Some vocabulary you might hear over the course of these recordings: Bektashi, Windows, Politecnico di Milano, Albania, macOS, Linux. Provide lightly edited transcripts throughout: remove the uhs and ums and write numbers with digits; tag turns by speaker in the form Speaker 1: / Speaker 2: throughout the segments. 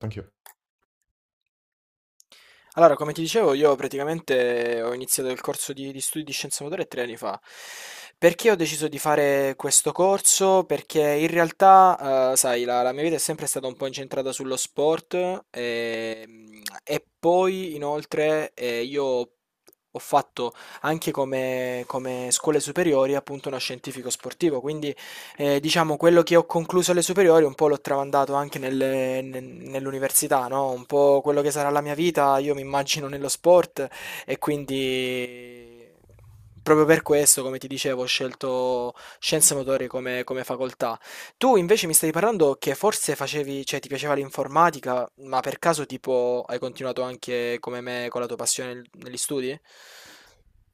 Speaker 1: Anch'io.
Speaker 2: Allora, come ti dicevo, io praticamente ho iniziato il corso di studi di scienze motorie tre anni fa. Perché ho deciso di fare questo corso? Perché in realtà, sai, la mia vita è sempre stata un po' incentrata sullo sport e poi, inoltre, io ho fatto anche come scuole superiori appunto uno scientifico sportivo, quindi diciamo, quello che ho concluso alle superiori un po' l'ho tramandato anche nell'università, no? Un po' quello che sarà la mia vita, io mi immagino nello sport e quindi proprio per questo, come ti dicevo, ho scelto scienze motorie come facoltà. Tu invece mi stavi parlando che forse facevi, cioè ti piaceva l'informatica, ma per caso tipo hai continuato anche come me con la tua passione negli studi?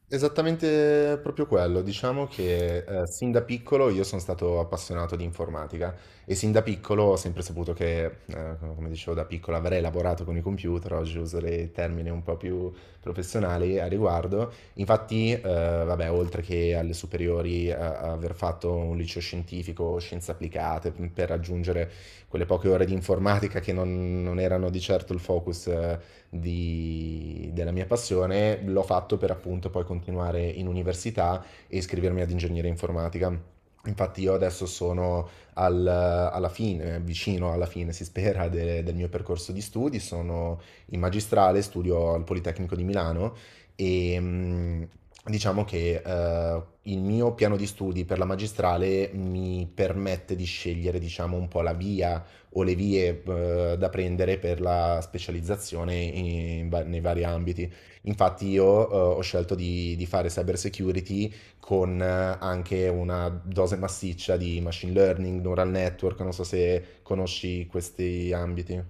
Speaker 1: Esattamente proprio quello. Diciamo che sin da piccolo io sono stato appassionato di informatica e sin da piccolo ho sempre saputo che, come dicevo da piccolo, avrei lavorato con i computer. Oggi uso dei termini un po' più professionali a riguardo. Infatti, vabbè, oltre che alle superiori, aver fatto un liceo scientifico, scienze applicate, per raggiungere quelle poche ore di informatica che non erano di certo il focus, della mia passione, l'ho fatto per appunto poi continuare in università e iscrivermi ad ingegneria informatica. Infatti io adesso sono alla fine, vicino alla fine, si spera, del mio percorso di studi, sono in magistrale, studio al Politecnico di Milano e diciamo che il mio piano di studi per la magistrale mi permette di scegliere, diciamo, un po' la via o le vie da prendere per la specializzazione in nei vari ambiti. Infatti io ho scelto di fare cyber security con anche una dose massiccia di machine learning, neural network. Non so se conosci questi ambiti.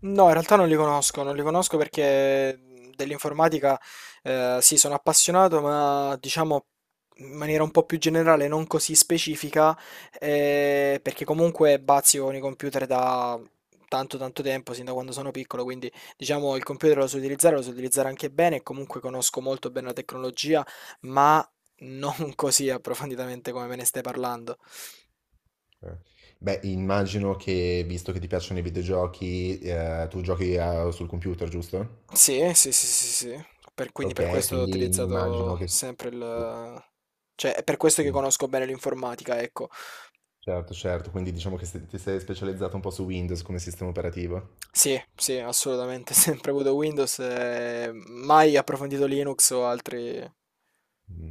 Speaker 2: No, in realtà non li conosco, non li conosco perché dell'informatica sì, sono appassionato, ma diciamo in maniera un po' più generale, non così specifica, perché comunque bazzico con i computer da tanto tanto tempo, sin da quando sono piccolo, quindi diciamo il computer lo so utilizzare anche bene, e comunque conosco molto bene la tecnologia, ma non così approfonditamente come me ne stai parlando.
Speaker 1: Beh, immagino che, visto che ti piacciono i videogiochi, tu giochi sul computer, giusto?
Speaker 2: Sì, sì, sì, sì, sì. Per- quindi per
Speaker 1: Ok,
Speaker 2: questo ho
Speaker 1: quindi mi immagino
Speaker 2: utilizzato
Speaker 1: che...
Speaker 2: sempre il... Cioè, è per questo che conosco bene l'informatica, ecco.
Speaker 1: Certo, certo, quindi diciamo che ti sei specializzato un po' su Windows come sistema operativo.
Speaker 2: Sì, sì, assolutamente. Sempre avuto Windows e mai approfondito Linux o altri.
Speaker 1: Mm.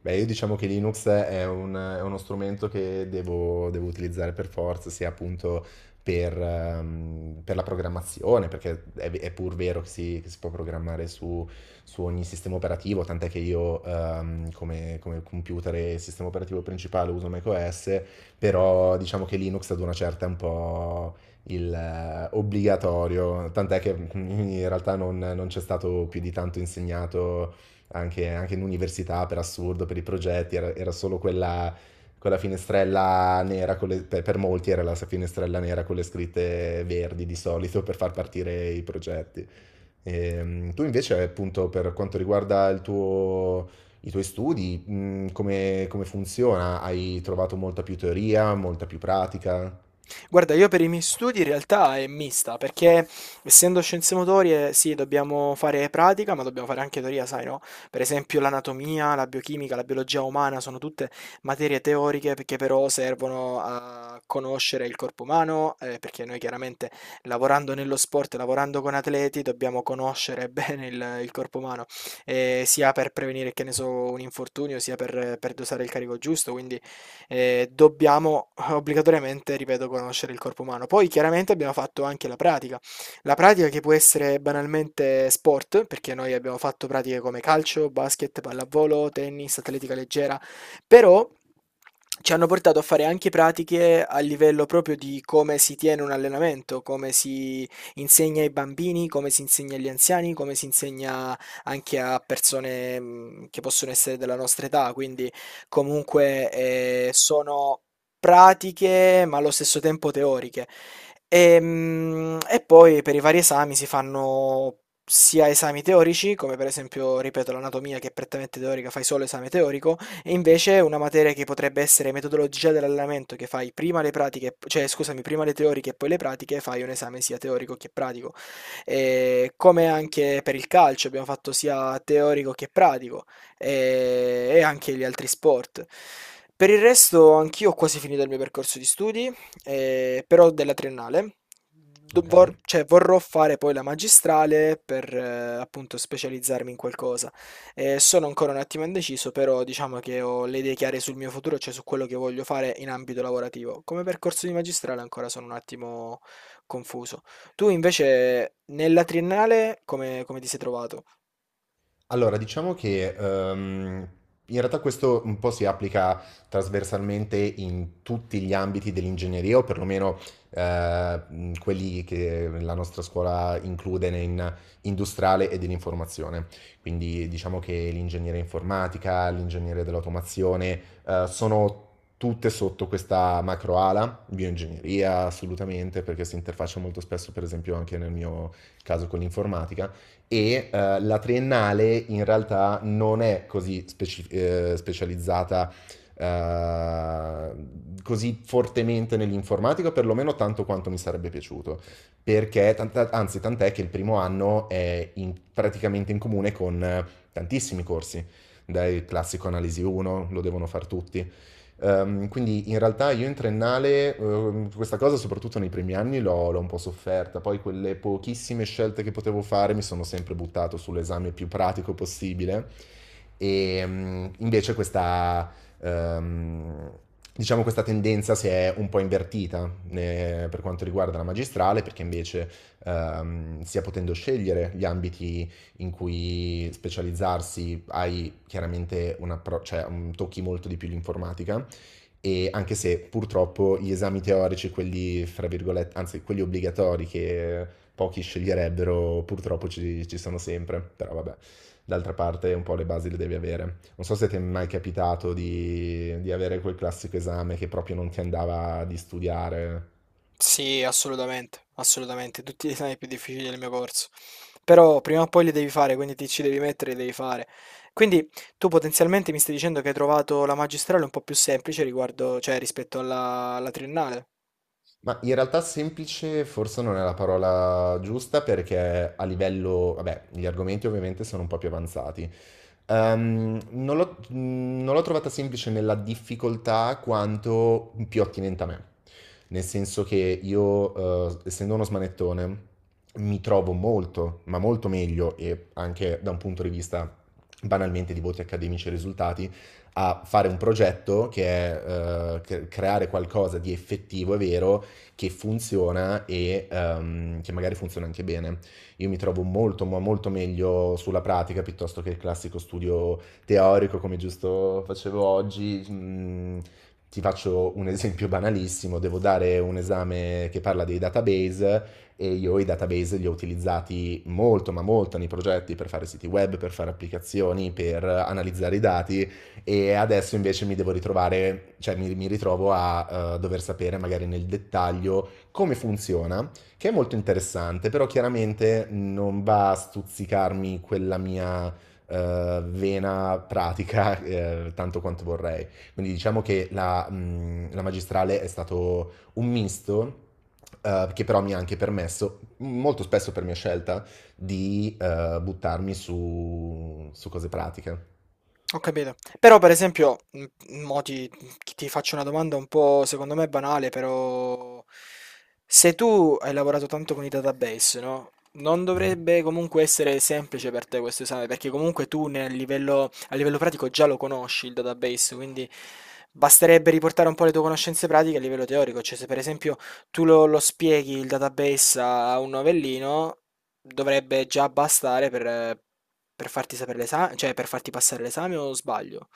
Speaker 1: Beh, io diciamo che Linux è è uno strumento che devo utilizzare per forza, sia appunto per la programmazione, perché è pur vero che che si può programmare su, su ogni sistema operativo, tant'è che io come, come computer e sistema operativo principale uso macOS, però diciamo che Linux ad una certa è un po' il obbligatorio, tant'è che in realtà non c'è stato più di tanto insegnato anche, anche in università per assurdo. Per i progetti, era solo quella, quella finestrella nera, con per molti era la finestrella nera con le scritte verdi di solito per far partire i progetti. Tu invece, appunto, per quanto riguarda il tuo, i tuoi studi, come, come funziona? Hai trovato molta più teoria, molta più pratica?
Speaker 2: Guarda, io per i miei studi in realtà è mista, perché essendo scienze motorie, sì, dobbiamo fare pratica, ma dobbiamo fare anche teoria, sai, no? Per esempio l'anatomia, la biochimica, la biologia umana sono tutte materie teoriche perché però servono a conoscere il corpo umano, perché noi chiaramente lavorando nello sport, lavorando con atleti, dobbiamo conoscere bene il corpo umano, sia per prevenire, che ne so, un infortunio, sia per dosare il carico giusto, quindi dobbiamo obbligatoriamente, ripeto, conoscere il corpo umano. Poi chiaramente abbiamo fatto anche la pratica che può essere banalmente sport, perché noi abbiamo fatto pratiche come calcio, basket, pallavolo, tennis, atletica leggera, però ci hanno portato a fare anche pratiche a livello proprio di come si tiene un allenamento, come si insegna ai bambini, come si insegna agli anziani, come si insegna anche a persone che possono essere della nostra età, quindi comunque sono pratiche ma allo stesso tempo teoriche. E, mm, e poi per i vari esami si fanno sia esami teorici, come per esempio, ripeto, l'anatomia che è prettamente teorica, fai solo esame teorico, e invece una materia che potrebbe essere metodologia dell'allenamento, che fai prima le pratiche, cioè scusami, prima le teoriche e poi le pratiche, fai un esame sia teorico che pratico. E come anche per il calcio, abbiamo fatto sia teorico che pratico e anche gli altri sport. Per il resto, anch'io ho quasi finito il mio percorso di studi, però della triennale.
Speaker 1: Ok.
Speaker 2: Cioè, vorrò fare poi la magistrale per appunto specializzarmi in qualcosa. Sono ancora un attimo indeciso, però diciamo che ho le idee chiare sul mio futuro, cioè su quello che voglio fare in ambito lavorativo. Come percorso di magistrale ancora sono un attimo confuso. Tu invece nella triennale come ti sei trovato?
Speaker 1: Allora, diciamo che in realtà questo un po' si applica trasversalmente in tutti gli ambiti dell'ingegneria, o perlomeno quelli che la nostra scuola include in industriale e dell'informazione. Quindi diciamo che l'ingegneria informatica, l'ingegneria dell'automazione, sono tutte sotto questa macroala, bioingegneria assolutamente, perché si interfaccia molto spesso, per esempio, anche nel mio caso con l'informatica e la triennale in realtà non è così specializzata eh, così fortemente nell'informatica, perlomeno tanto quanto mi sarebbe piaciuto, perché anzi tant'è che il primo anno è praticamente in comune con tantissimi corsi, dai classico analisi 1, lo devono fare tutti. Quindi in realtà io in triennale, questa cosa soprattutto nei primi anni l'ho un po' sofferta, poi quelle pochissime scelte che potevo fare mi sono sempre buttato sull'esame più pratico possibile e invece ehm, diciamo questa tendenza si è un po' invertita per quanto riguarda la magistrale, perché invece stia potendo scegliere gli ambiti in cui specializzarsi, hai chiaramente un approccio, cioè, tocchi molto di più l'informatica. E anche se purtroppo gli esami teorici, quelli fra virgolette, anzi quelli obbligatori che pochi sceglierebbero, purtroppo ci sono sempre, però vabbè, d'altra parte un po' le basi le devi avere. Non so se ti è mai capitato di avere quel classico esame che proprio non ti andava di studiare.
Speaker 2: Sì, assolutamente, assolutamente, tutti gli esami più difficili del mio corso. Però prima o poi li devi fare, quindi ti ci devi mettere, li devi fare. Quindi tu potenzialmente mi stai dicendo che hai trovato la magistrale un po' più semplice riguardo, cioè rispetto alla triennale.
Speaker 1: Ma in realtà semplice forse non è la parola giusta, perché a livello, vabbè, gli argomenti ovviamente sono un po' più avanzati. Non l'ho non l'ho trovata semplice nella difficoltà quanto più attinente a me, nel senso che io, essendo uno smanettone, mi trovo molto, ma molto meglio e anche da un punto di vista banalmente di voti accademici e risultati, a fare un progetto che è creare qualcosa di effettivo e vero che funziona e che magari funziona anche bene. Io mi trovo molto, ma molto meglio sulla pratica piuttosto che il classico studio teorico come giusto facevo oggi. Ti faccio un esempio banalissimo: devo dare un esame che parla dei database e io i database li ho utilizzati molto, ma molto nei progetti per fare siti web, per fare applicazioni, per analizzare i dati. E adesso invece mi devo ritrovare, cioè mi ritrovo a dover sapere magari nel dettaglio come funziona, che è molto interessante, però chiaramente non va a stuzzicarmi quella mia vena pratica tanto quanto vorrei. Quindi diciamo che la, la magistrale è stato un misto, che però mi ha anche permesso, molto spesso per mia scelta, di buttarmi su, su cose pratiche.
Speaker 2: Ho capito. Però per esempio, mo ti, ti faccio una domanda un po' secondo me banale, però se tu hai lavorato tanto con i database, no? Non
Speaker 1: Mhm.
Speaker 2: dovrebbe comunque essere semplice per te questo esame, perché comunque tu nel livello, a livello pratico già lo conosci il database, quindi basterebbe riportare un po' le tue conoscenze pratiche a livello teorico, cioè se per esempio tu lo spieghi il database a un novellino, dovrebbe già bastare per farti sapere l'esame, cioè per farti passare l'esame o sbaglio?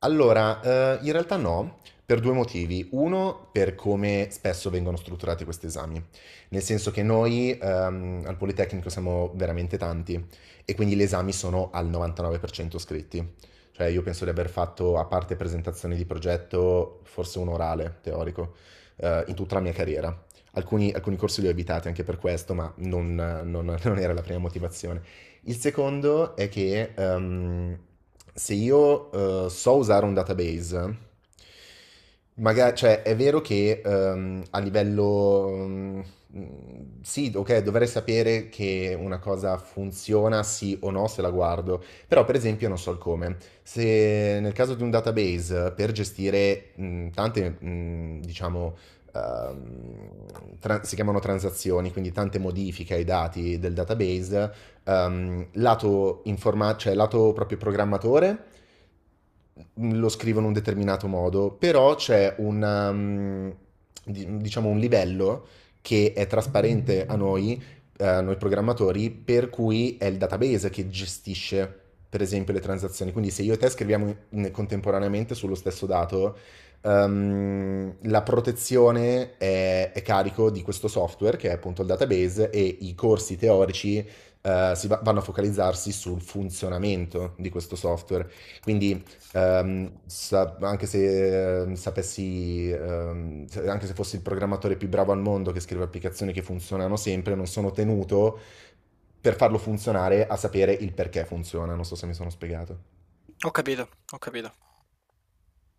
Speaker 1: Allora, in realtà no, per due motivi. Uno, per come spesso vengono strutturati questi esami, nel senso che noi al Politecnico siamo veramente tanti e quindi gli esami sono al 99% scritti. Cioè io penso di aver fatto, a parte presentazioni di progetto, forse un orale teorico, in tutta la mia carriera. Alcuni corsi li ho evitati anche per questo, ma non non era la prima motivazione. Il secondo è che se io so usare un database, magari, cioè è vero che a livello... sì, ok, dovrei sapere che una cosa funziona sì o no se la guardo, però per esempio non so il come. Se nel caso di un database per gestire tante, diciamo, si chiamano transazioni, quindi tante modifiche ai dati del database, lato, cioè lato proprio programmatore lo scrivo in un determinato modo, però c'è un, diciamo un livello che è trasparente a noi programmatori, per cui è il database che gestisce, per esempio, le transazioni. Quindi se io e te scriviamo contemporaneamente sullo stesso dato, la protezione è carico di questo software, che è appunto il database. E i corsi teorici, vanno a focalizzarsi sul funzionamento di questo software. Quindi anche se anche se fossi il programmatore più bravo al mondo che scrive applicazioni che funzionano sempre, non sono tenuto per farlo funzionare a sapere il perché funziona. Non so se mi sono spiegato.
Speaker 2: Ho capito, ho capito.